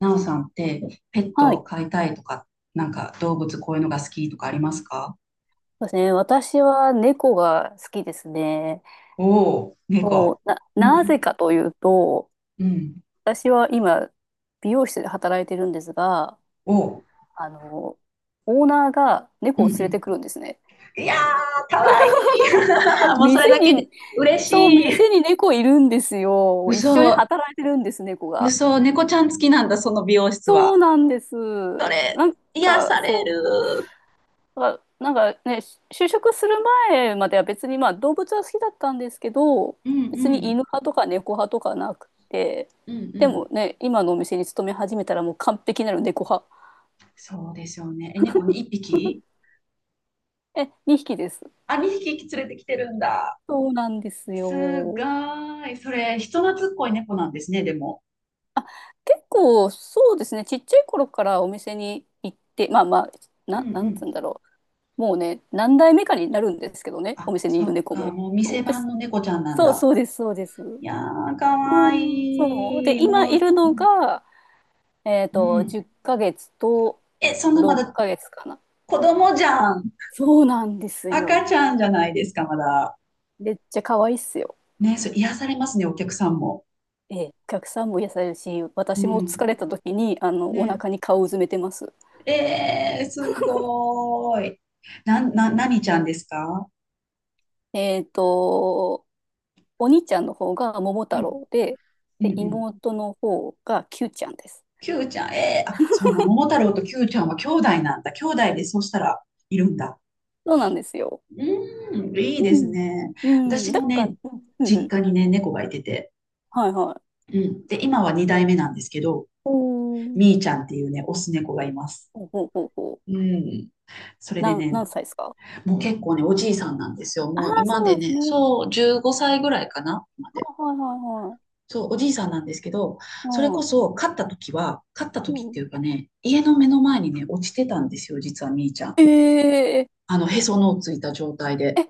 なおさんってペッはトをい。飼いたいとか、なんか動物こういうのが好きとかありますか？そうですね。私は猫が好きですね。おお、も猫。う、うなぜんかというと、うん。うん。私は今、美容室で働いてるんですが、おう。あの、オーナーがう猫んをう連れん。てくるんですね。いやー、かわいい。もうそれ店だけでに、嬉そう、しい。店に猫いるんですよ。一緒に嘘、働いてるんです、猫が。嘘、猫ちゃん好きなんだ、その美容室そは。うなんです。それ、なん癒か、されそう。る。だからなんかね、就職する前までは別にまあ動物は好きだったんですけど、うん別うにん犬派とか猫派とかなくて、うんうでん。もね、今のお店に勤め始めたらもう完璧なる猫派。そうですよね。え、猫に一匹？ え、2匹です。あ、2匹連れてきてるんだ。そうなんですすごよ。ーい。それ、人懐っこい猫なんですね、でも。結構そうですね、ちっちゃい頃からお店に行って、まあまあ、うんうなんつうん。んだろう。もうね、何代目かになるんですけどね、おあ、店にいそるっ猫か、も。もうそ店うで番す。の猫ちゃんなんそう、だ。そうです、そうです。いやー、かうわん、そう。いで、い。今もいう、るうのんが、うん。10ヶ月とえ、そんなま6だヶ月かな。子供じゃん。そうなんです赤よ。ちゃんじゃないですか、まだ。めっちゃ可愛いっすよ。ね、そう癒されますね、お客さんも。ええ、お客さんも癒されるし、う私も疲ん。れた時に、おね。腹に顔をうずめてます。えー、すごーい。なん、な、何ちゃんですか？えっと、お兄ちゃんの方が桃う太ん、郎で、うん、で、うん。妹の方がキューちゃんです。キューちゃん、あ、そんな、桃 太郎とキューちゃんは兄弟なんだ。兄弟で、そうしたら、いるんだ。そうなんですよ。うーん、いいうですん。ね。うん。私だもから、ね、うん、うんう実ん。家にね、猫がいてて。はいはい。うん。で、今は2代目なんですけど、おー。みーちゃんっていうね、オス猫がいます。ほうほうほうほうう。ん。それでね、何歳ですか？もう結構ね、おじいさんなんですよ。ああもうー、そ今うなでんですね、ね。はそう、15歳ぐらいかな、まいで。はいはいはい。そう、おじいさんなんですけど、それうこん。そ、飼ったう時ってん。いうかね、家の目の前にね、落ちてたんですよ、実はみーちゃん。えー、へその緒ついた状態で。ええ、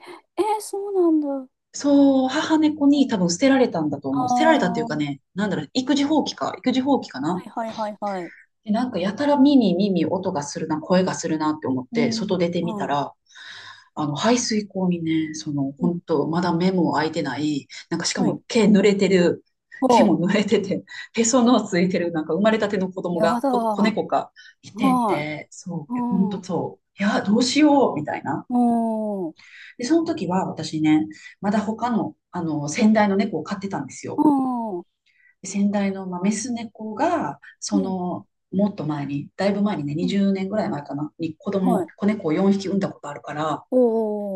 え、そうなんだ。そう、母猫うに多ん、分捨てられたんだと思う。捨てられたっていうあかね、なんだろう、育児放棄かあ、はな。いはいはいはい。で、なんかやたら音がするな、声がするなって思っうて、外ん。出てみたはい。ら、排水溝にね、うん。本当まだ目も開いてない、なんかしかはい。も毛おう、も濡れてて、へその緒ついてる、なんか生まれたての子供やが、だ。こ子は猫か、いてい。て、そう、ほんうとん。そう、いや、どうしよう、みたいな。おー。で、その時は私ね、まだ他の、先代の猫を飼ってたんですよ。うん。で先代の、まあ、メス猫が、うん。もっと前に、だいぶ前にね、うん、20年ぐらい前かな、にはい。子猫を4匹産んだことあるから、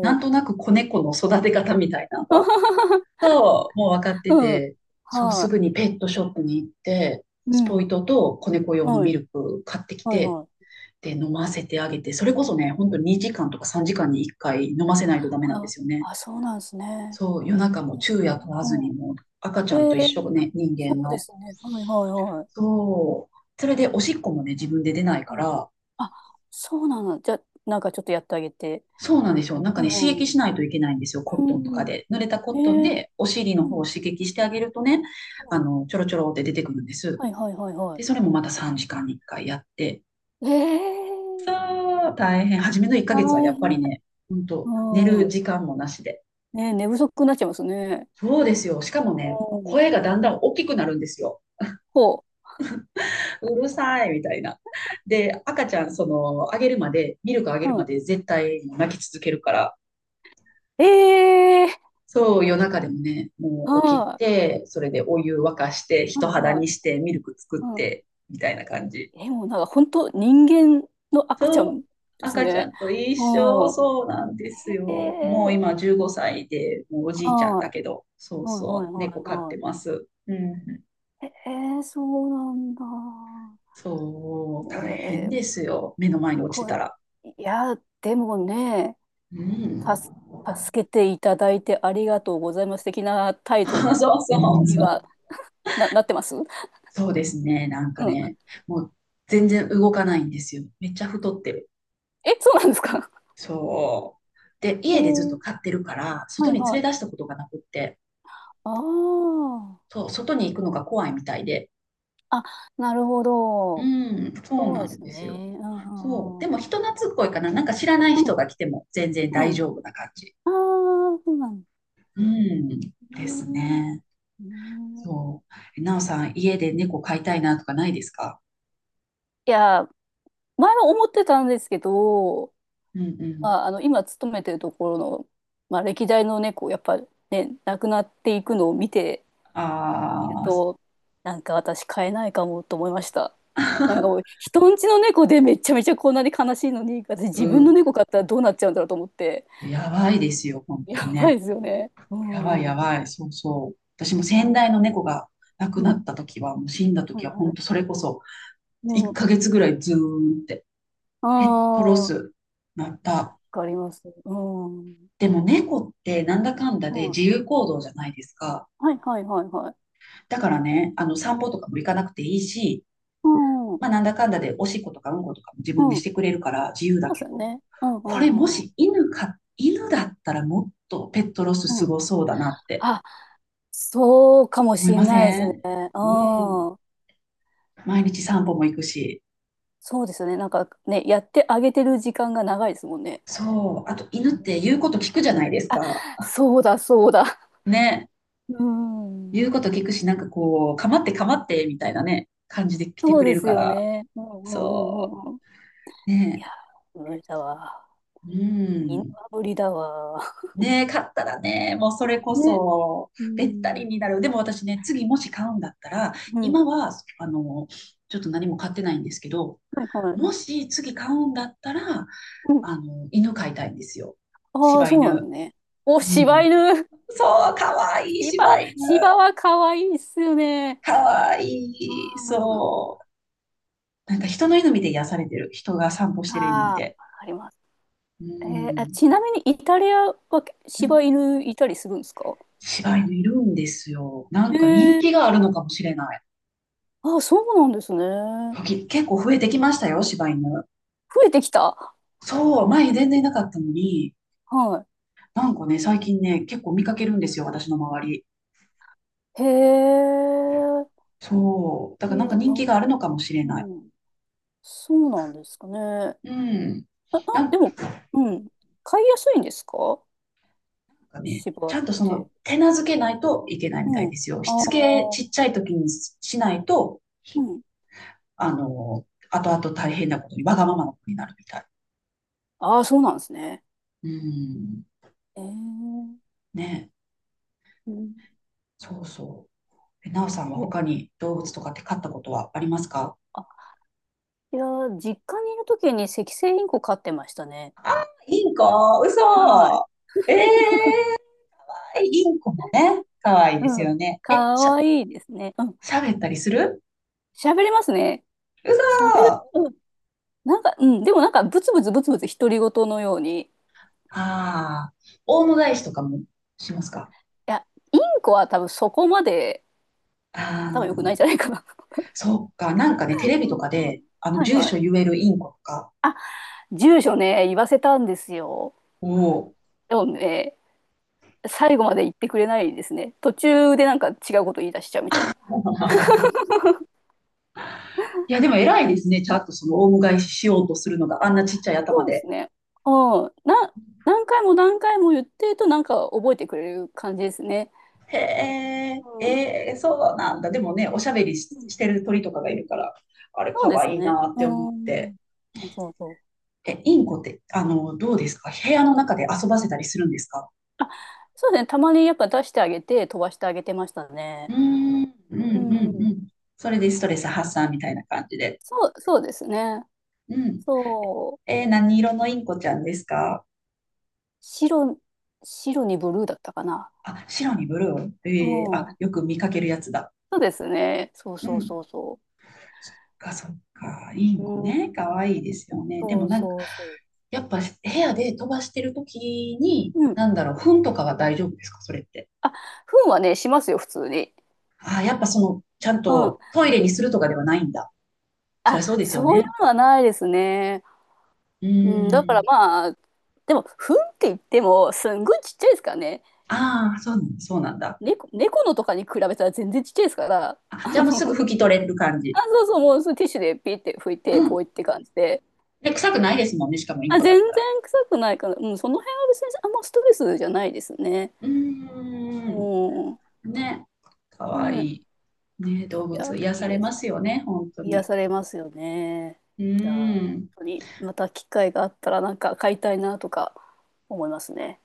なー。んとなく子猫の育て方みたいなのは、もう分かってうん。て、そう、すはぐい。にペットショップに行って、うスポん。イトと子はい、うん、うん、うん、うん、うん、はい、おー、うん、は猫用のい、うん、ミルはク買ってきい、て、はい。で、飲ませてあげて、それこそね、う本当にん、2時間とか3時間に1回飲ませないとダメなんであ、すよね。あ、そうなんですね。そう、夜中もうん。昼夜問わずにもうう赤ちゃんと一ん、え緒ー、ね、人そ間うでの。すね。はいはいはい。そう。それでおしっこもね、自分で出ないかお、ら、あ、そうなの。じゃあ、なんかちょっとやってあげて。そうなんですよ。なんかうね、刺んう激ん。しないといけないんですよ。コうットンとんかうん。で。濡れたコットンえー、でお尻うの方ん、うをん。刺激してあげるとね、ちょろちょろって出てくるんです。はいはいはいはで、それもまた3時間に1回やって。い。えー、そう、大変。初めの1大ヶ月はやっぱり変。ね、ほんと、寝るうん。時間もなしで。ね、寝不足になっちゃいますね。そうですよ。しかもね、うん。声がだんだん大きくなるんですよ。ほうるさいみたいな。で、赤ちゃん、その、あげるまで、ミルクあげう。るうまん。で絶対泣き続けるから、えー、そう、夜中でもね、もう起きはて、それでお湯沸かして、い。人はい肌はい。にして、ミルク作っうん。て、みたいな感じ。え、もうなんか本当人間の赤ちゃそう、んです赤ちゃね。んと一緒、うん。えそうなんですよ。もう今ー、15歳で、もうおじいちゃんだはけど、そい。うはいはそいう、は猫い飼っはてます。うん、い。えー、そうなんだ。そう、大変えー、ですよ。目の前に落ちてこたれ、ら。いや、でもね、う助ん。助けていただいてありがとうございます的な 態度そうそうにそう。はなってます、うそうですね。なんかん。ね、もう全然動かないんですよ。めっちゃ太ってる。え、そうなんですか？そう。で、え家でずっとー、飼ってるから、は外いには連れ出い。したことがなくって、あそう、外に行くのが怖いみたいで。あ。あ、なるほうど。ん、そうそうなでんすですよ。ね。うんそう。うんでうん。も人懐っこいかな。なんか知らないう人んが来ても全然う大ん。丈夫な感じ。ああ、そうなんでうん、すですね。ね。うん、そう。なおさん、家で猫飼いたいなとかないですか？いや、前は思ってたんですけど、うんうん。まあ、あの今勤めてるところの、まあ、歴代の猫やっぱね、亡くなっていくのを見ているああ、となんか私飼えないかもと思いました。なんかもう 人んちの猫でめちゃめちゃこんなに悲しいのに私自う分のん、猫飼ったらどうなっちゃうんだろうと思って、やばいですよ、本当にやばね。いですよね、うやばいんうやんばい、そうそう。私もう先代ん、の猫が亡くなった時は、もう死んだは時いは、は本当そい、れこそ、う1ん、ヶ月ぐらいずーんって、ああペットロー、わスなった。かります、うんでも猫ってなんだかんだでう自ん、由行動じゃないですか。はいはいはいはい、だからね、あの散歩とかも行かなくていいし、うんうん、まあなんだかんだでおしっことかうんことかも自分でしてそくれるから自由うだですけよど、ね、うんうこれもんうしん犬だったらもっとペットロスうんすうん、ごそうだなってあ、そうかも思しいれませないですね。ん？うん。うん。毎日散歩も行くし。そうですね。なんかね、やってあげてる時間が長いですもんね。そう。あと、犬っうて言ん、うこと聞くじゃないですか。そうだ、そうだ。ね。うん。言うこと聞くし、なんかこう、かまってかまって、みたいなね、感じで来てそうくれでるすかよら。ね。うんうんうそんうん、いう。ね。やー、無理だわ。う犬ん。は無理だわ。ね、買ったらね、もうそれこね。そ、うべったりん。になる。でも私ね、次もし買うんだったら、う今ん。は、あの、ちょっと何も買ってないんですけど、はいはい。もし次買うんだったら、うん。犬飼いたいんですよ。ああ、柴そうなの犬。ね。お、う柴ん。犬。そう、かわいい柴、柴犬。柴は可愛いっすよね。かわいうい。ん。そう。なんか人の犬見て癒されてる。人が散歩してる犬見ああ、わて。かります。うえー、あ、ん。ちなみにイタリアは柴犬いたりするんですか？柴犬いるんですよ。なへんか人え、気がー。あるのかもしれない。あ、そうなんですね。時結構増えてきましたよ、柴犬。増えてきた。そう、前全然いなかったのに、はなんかね、最近ね、結構見かけるんですよ、私の周り。い。へえ。そう。だからなんかも人気があるのかもしれうなない。ん、うん、そうなんですかね。うん。あ、なあ、でんも、うん。飼いやすいんですか、かね、柴ちっゃんとそて。の手なずけないといけないみたいうでん。すよ。しつけあちっあ、ちゃい時にしないとうん。後々大変なことに、わがままな子になるみたい。ああ、そうなんですね。うん。ええ。ね。うん。そうそう。なおさんはえ、他に動物とかって飼ったことはありますか？あ、いや、実家にいるときにセキセイインコ飼ってましたね。インコ、嘘。はい、ええー、インコもね、可愛いですうん。よね。かえ、しゃ、わいいですね。うん。喋ったりする？喋りますね。嘘。喋る。うん。なんか、うん。でもなんか、ブツブツブツブツ独り言のように。いああ、大野返しとかもしますか？や、インコは多分そこまであ頭良くないんあ、じゃないかな。そっか。なんかね、テレビうとんうかん、で、はい住は所い。言えるインコとかあ、住所ね、言わせたんですよ。を、でもね、最後まで言ってくれないですね。途中でなんか違うこと言い出しちゃうみたいな。いや、でも偉いですね。ちゃんとオウム返ししようとするのが、あんあ、なちっちゃいそ頭うですで。ね。うん。何回も何回も言ってるとなんか覚えてくれる感じですね。へえ、うん。ええ、そうなんだ。でもね、おしゃべりし、してる鳥とかがいるから、あれ、そかうでわすいいね。なって思っうて。ん、そうそうそう。え、インコって、どうですか？部屋の中で遊ばせたりするんですか？そうですね。たまにやっぱ出してあげて飛ばしてあげてましたうーね。ん、うん、ううん、うん。ん。それでストレス発散みたいな感じで。そう、そうですね。うん。そう。えー、何色のインコちゃんですか？白、白にブルーだったかな。あ、白にブルー。えー、あ、うん。よく見かけるやつだ。そうですね。そううそうん、そうそそっかそっか、インコう。うん。ね、可愛いですよね。でそもうなんか、そうそやっぱ部屋で飛ばしてる時に、う。うん。なんだろう、糞とかは大丈夫ですか、それって。あ、糞はね、しますよ、普通に。ああ、やっぱちゃんうん。とトイレにするとかではないんだ。そりあ、ゃそうですよそういね。うのはないですね。ううん。だかーらん。まあ、でも、糞って言っても、すんごいちっちゃいですからね。ああ、そうなんだ、そうなんだ。猫のとかに比べたら全然ちっちゃいですから、あ、じゃあもうすぐ拭き取れる感じ。あ、そうそう、もうそのティッシュでピーって拭いうて、ん。ポイって感じで、で、臭くないですもんね、しかもインあ、コだ全った然ら。臭くないから、うん、その辺は別にあんまストレスじゃないですね。うーん。うん。ね。かわいね、い。ね、動いや、物癒いさいれでます。すよね、本当癒に。されますよね。うじゃあ、本ーん。当にまた機会があったらなんか買いたいなとか思いますね。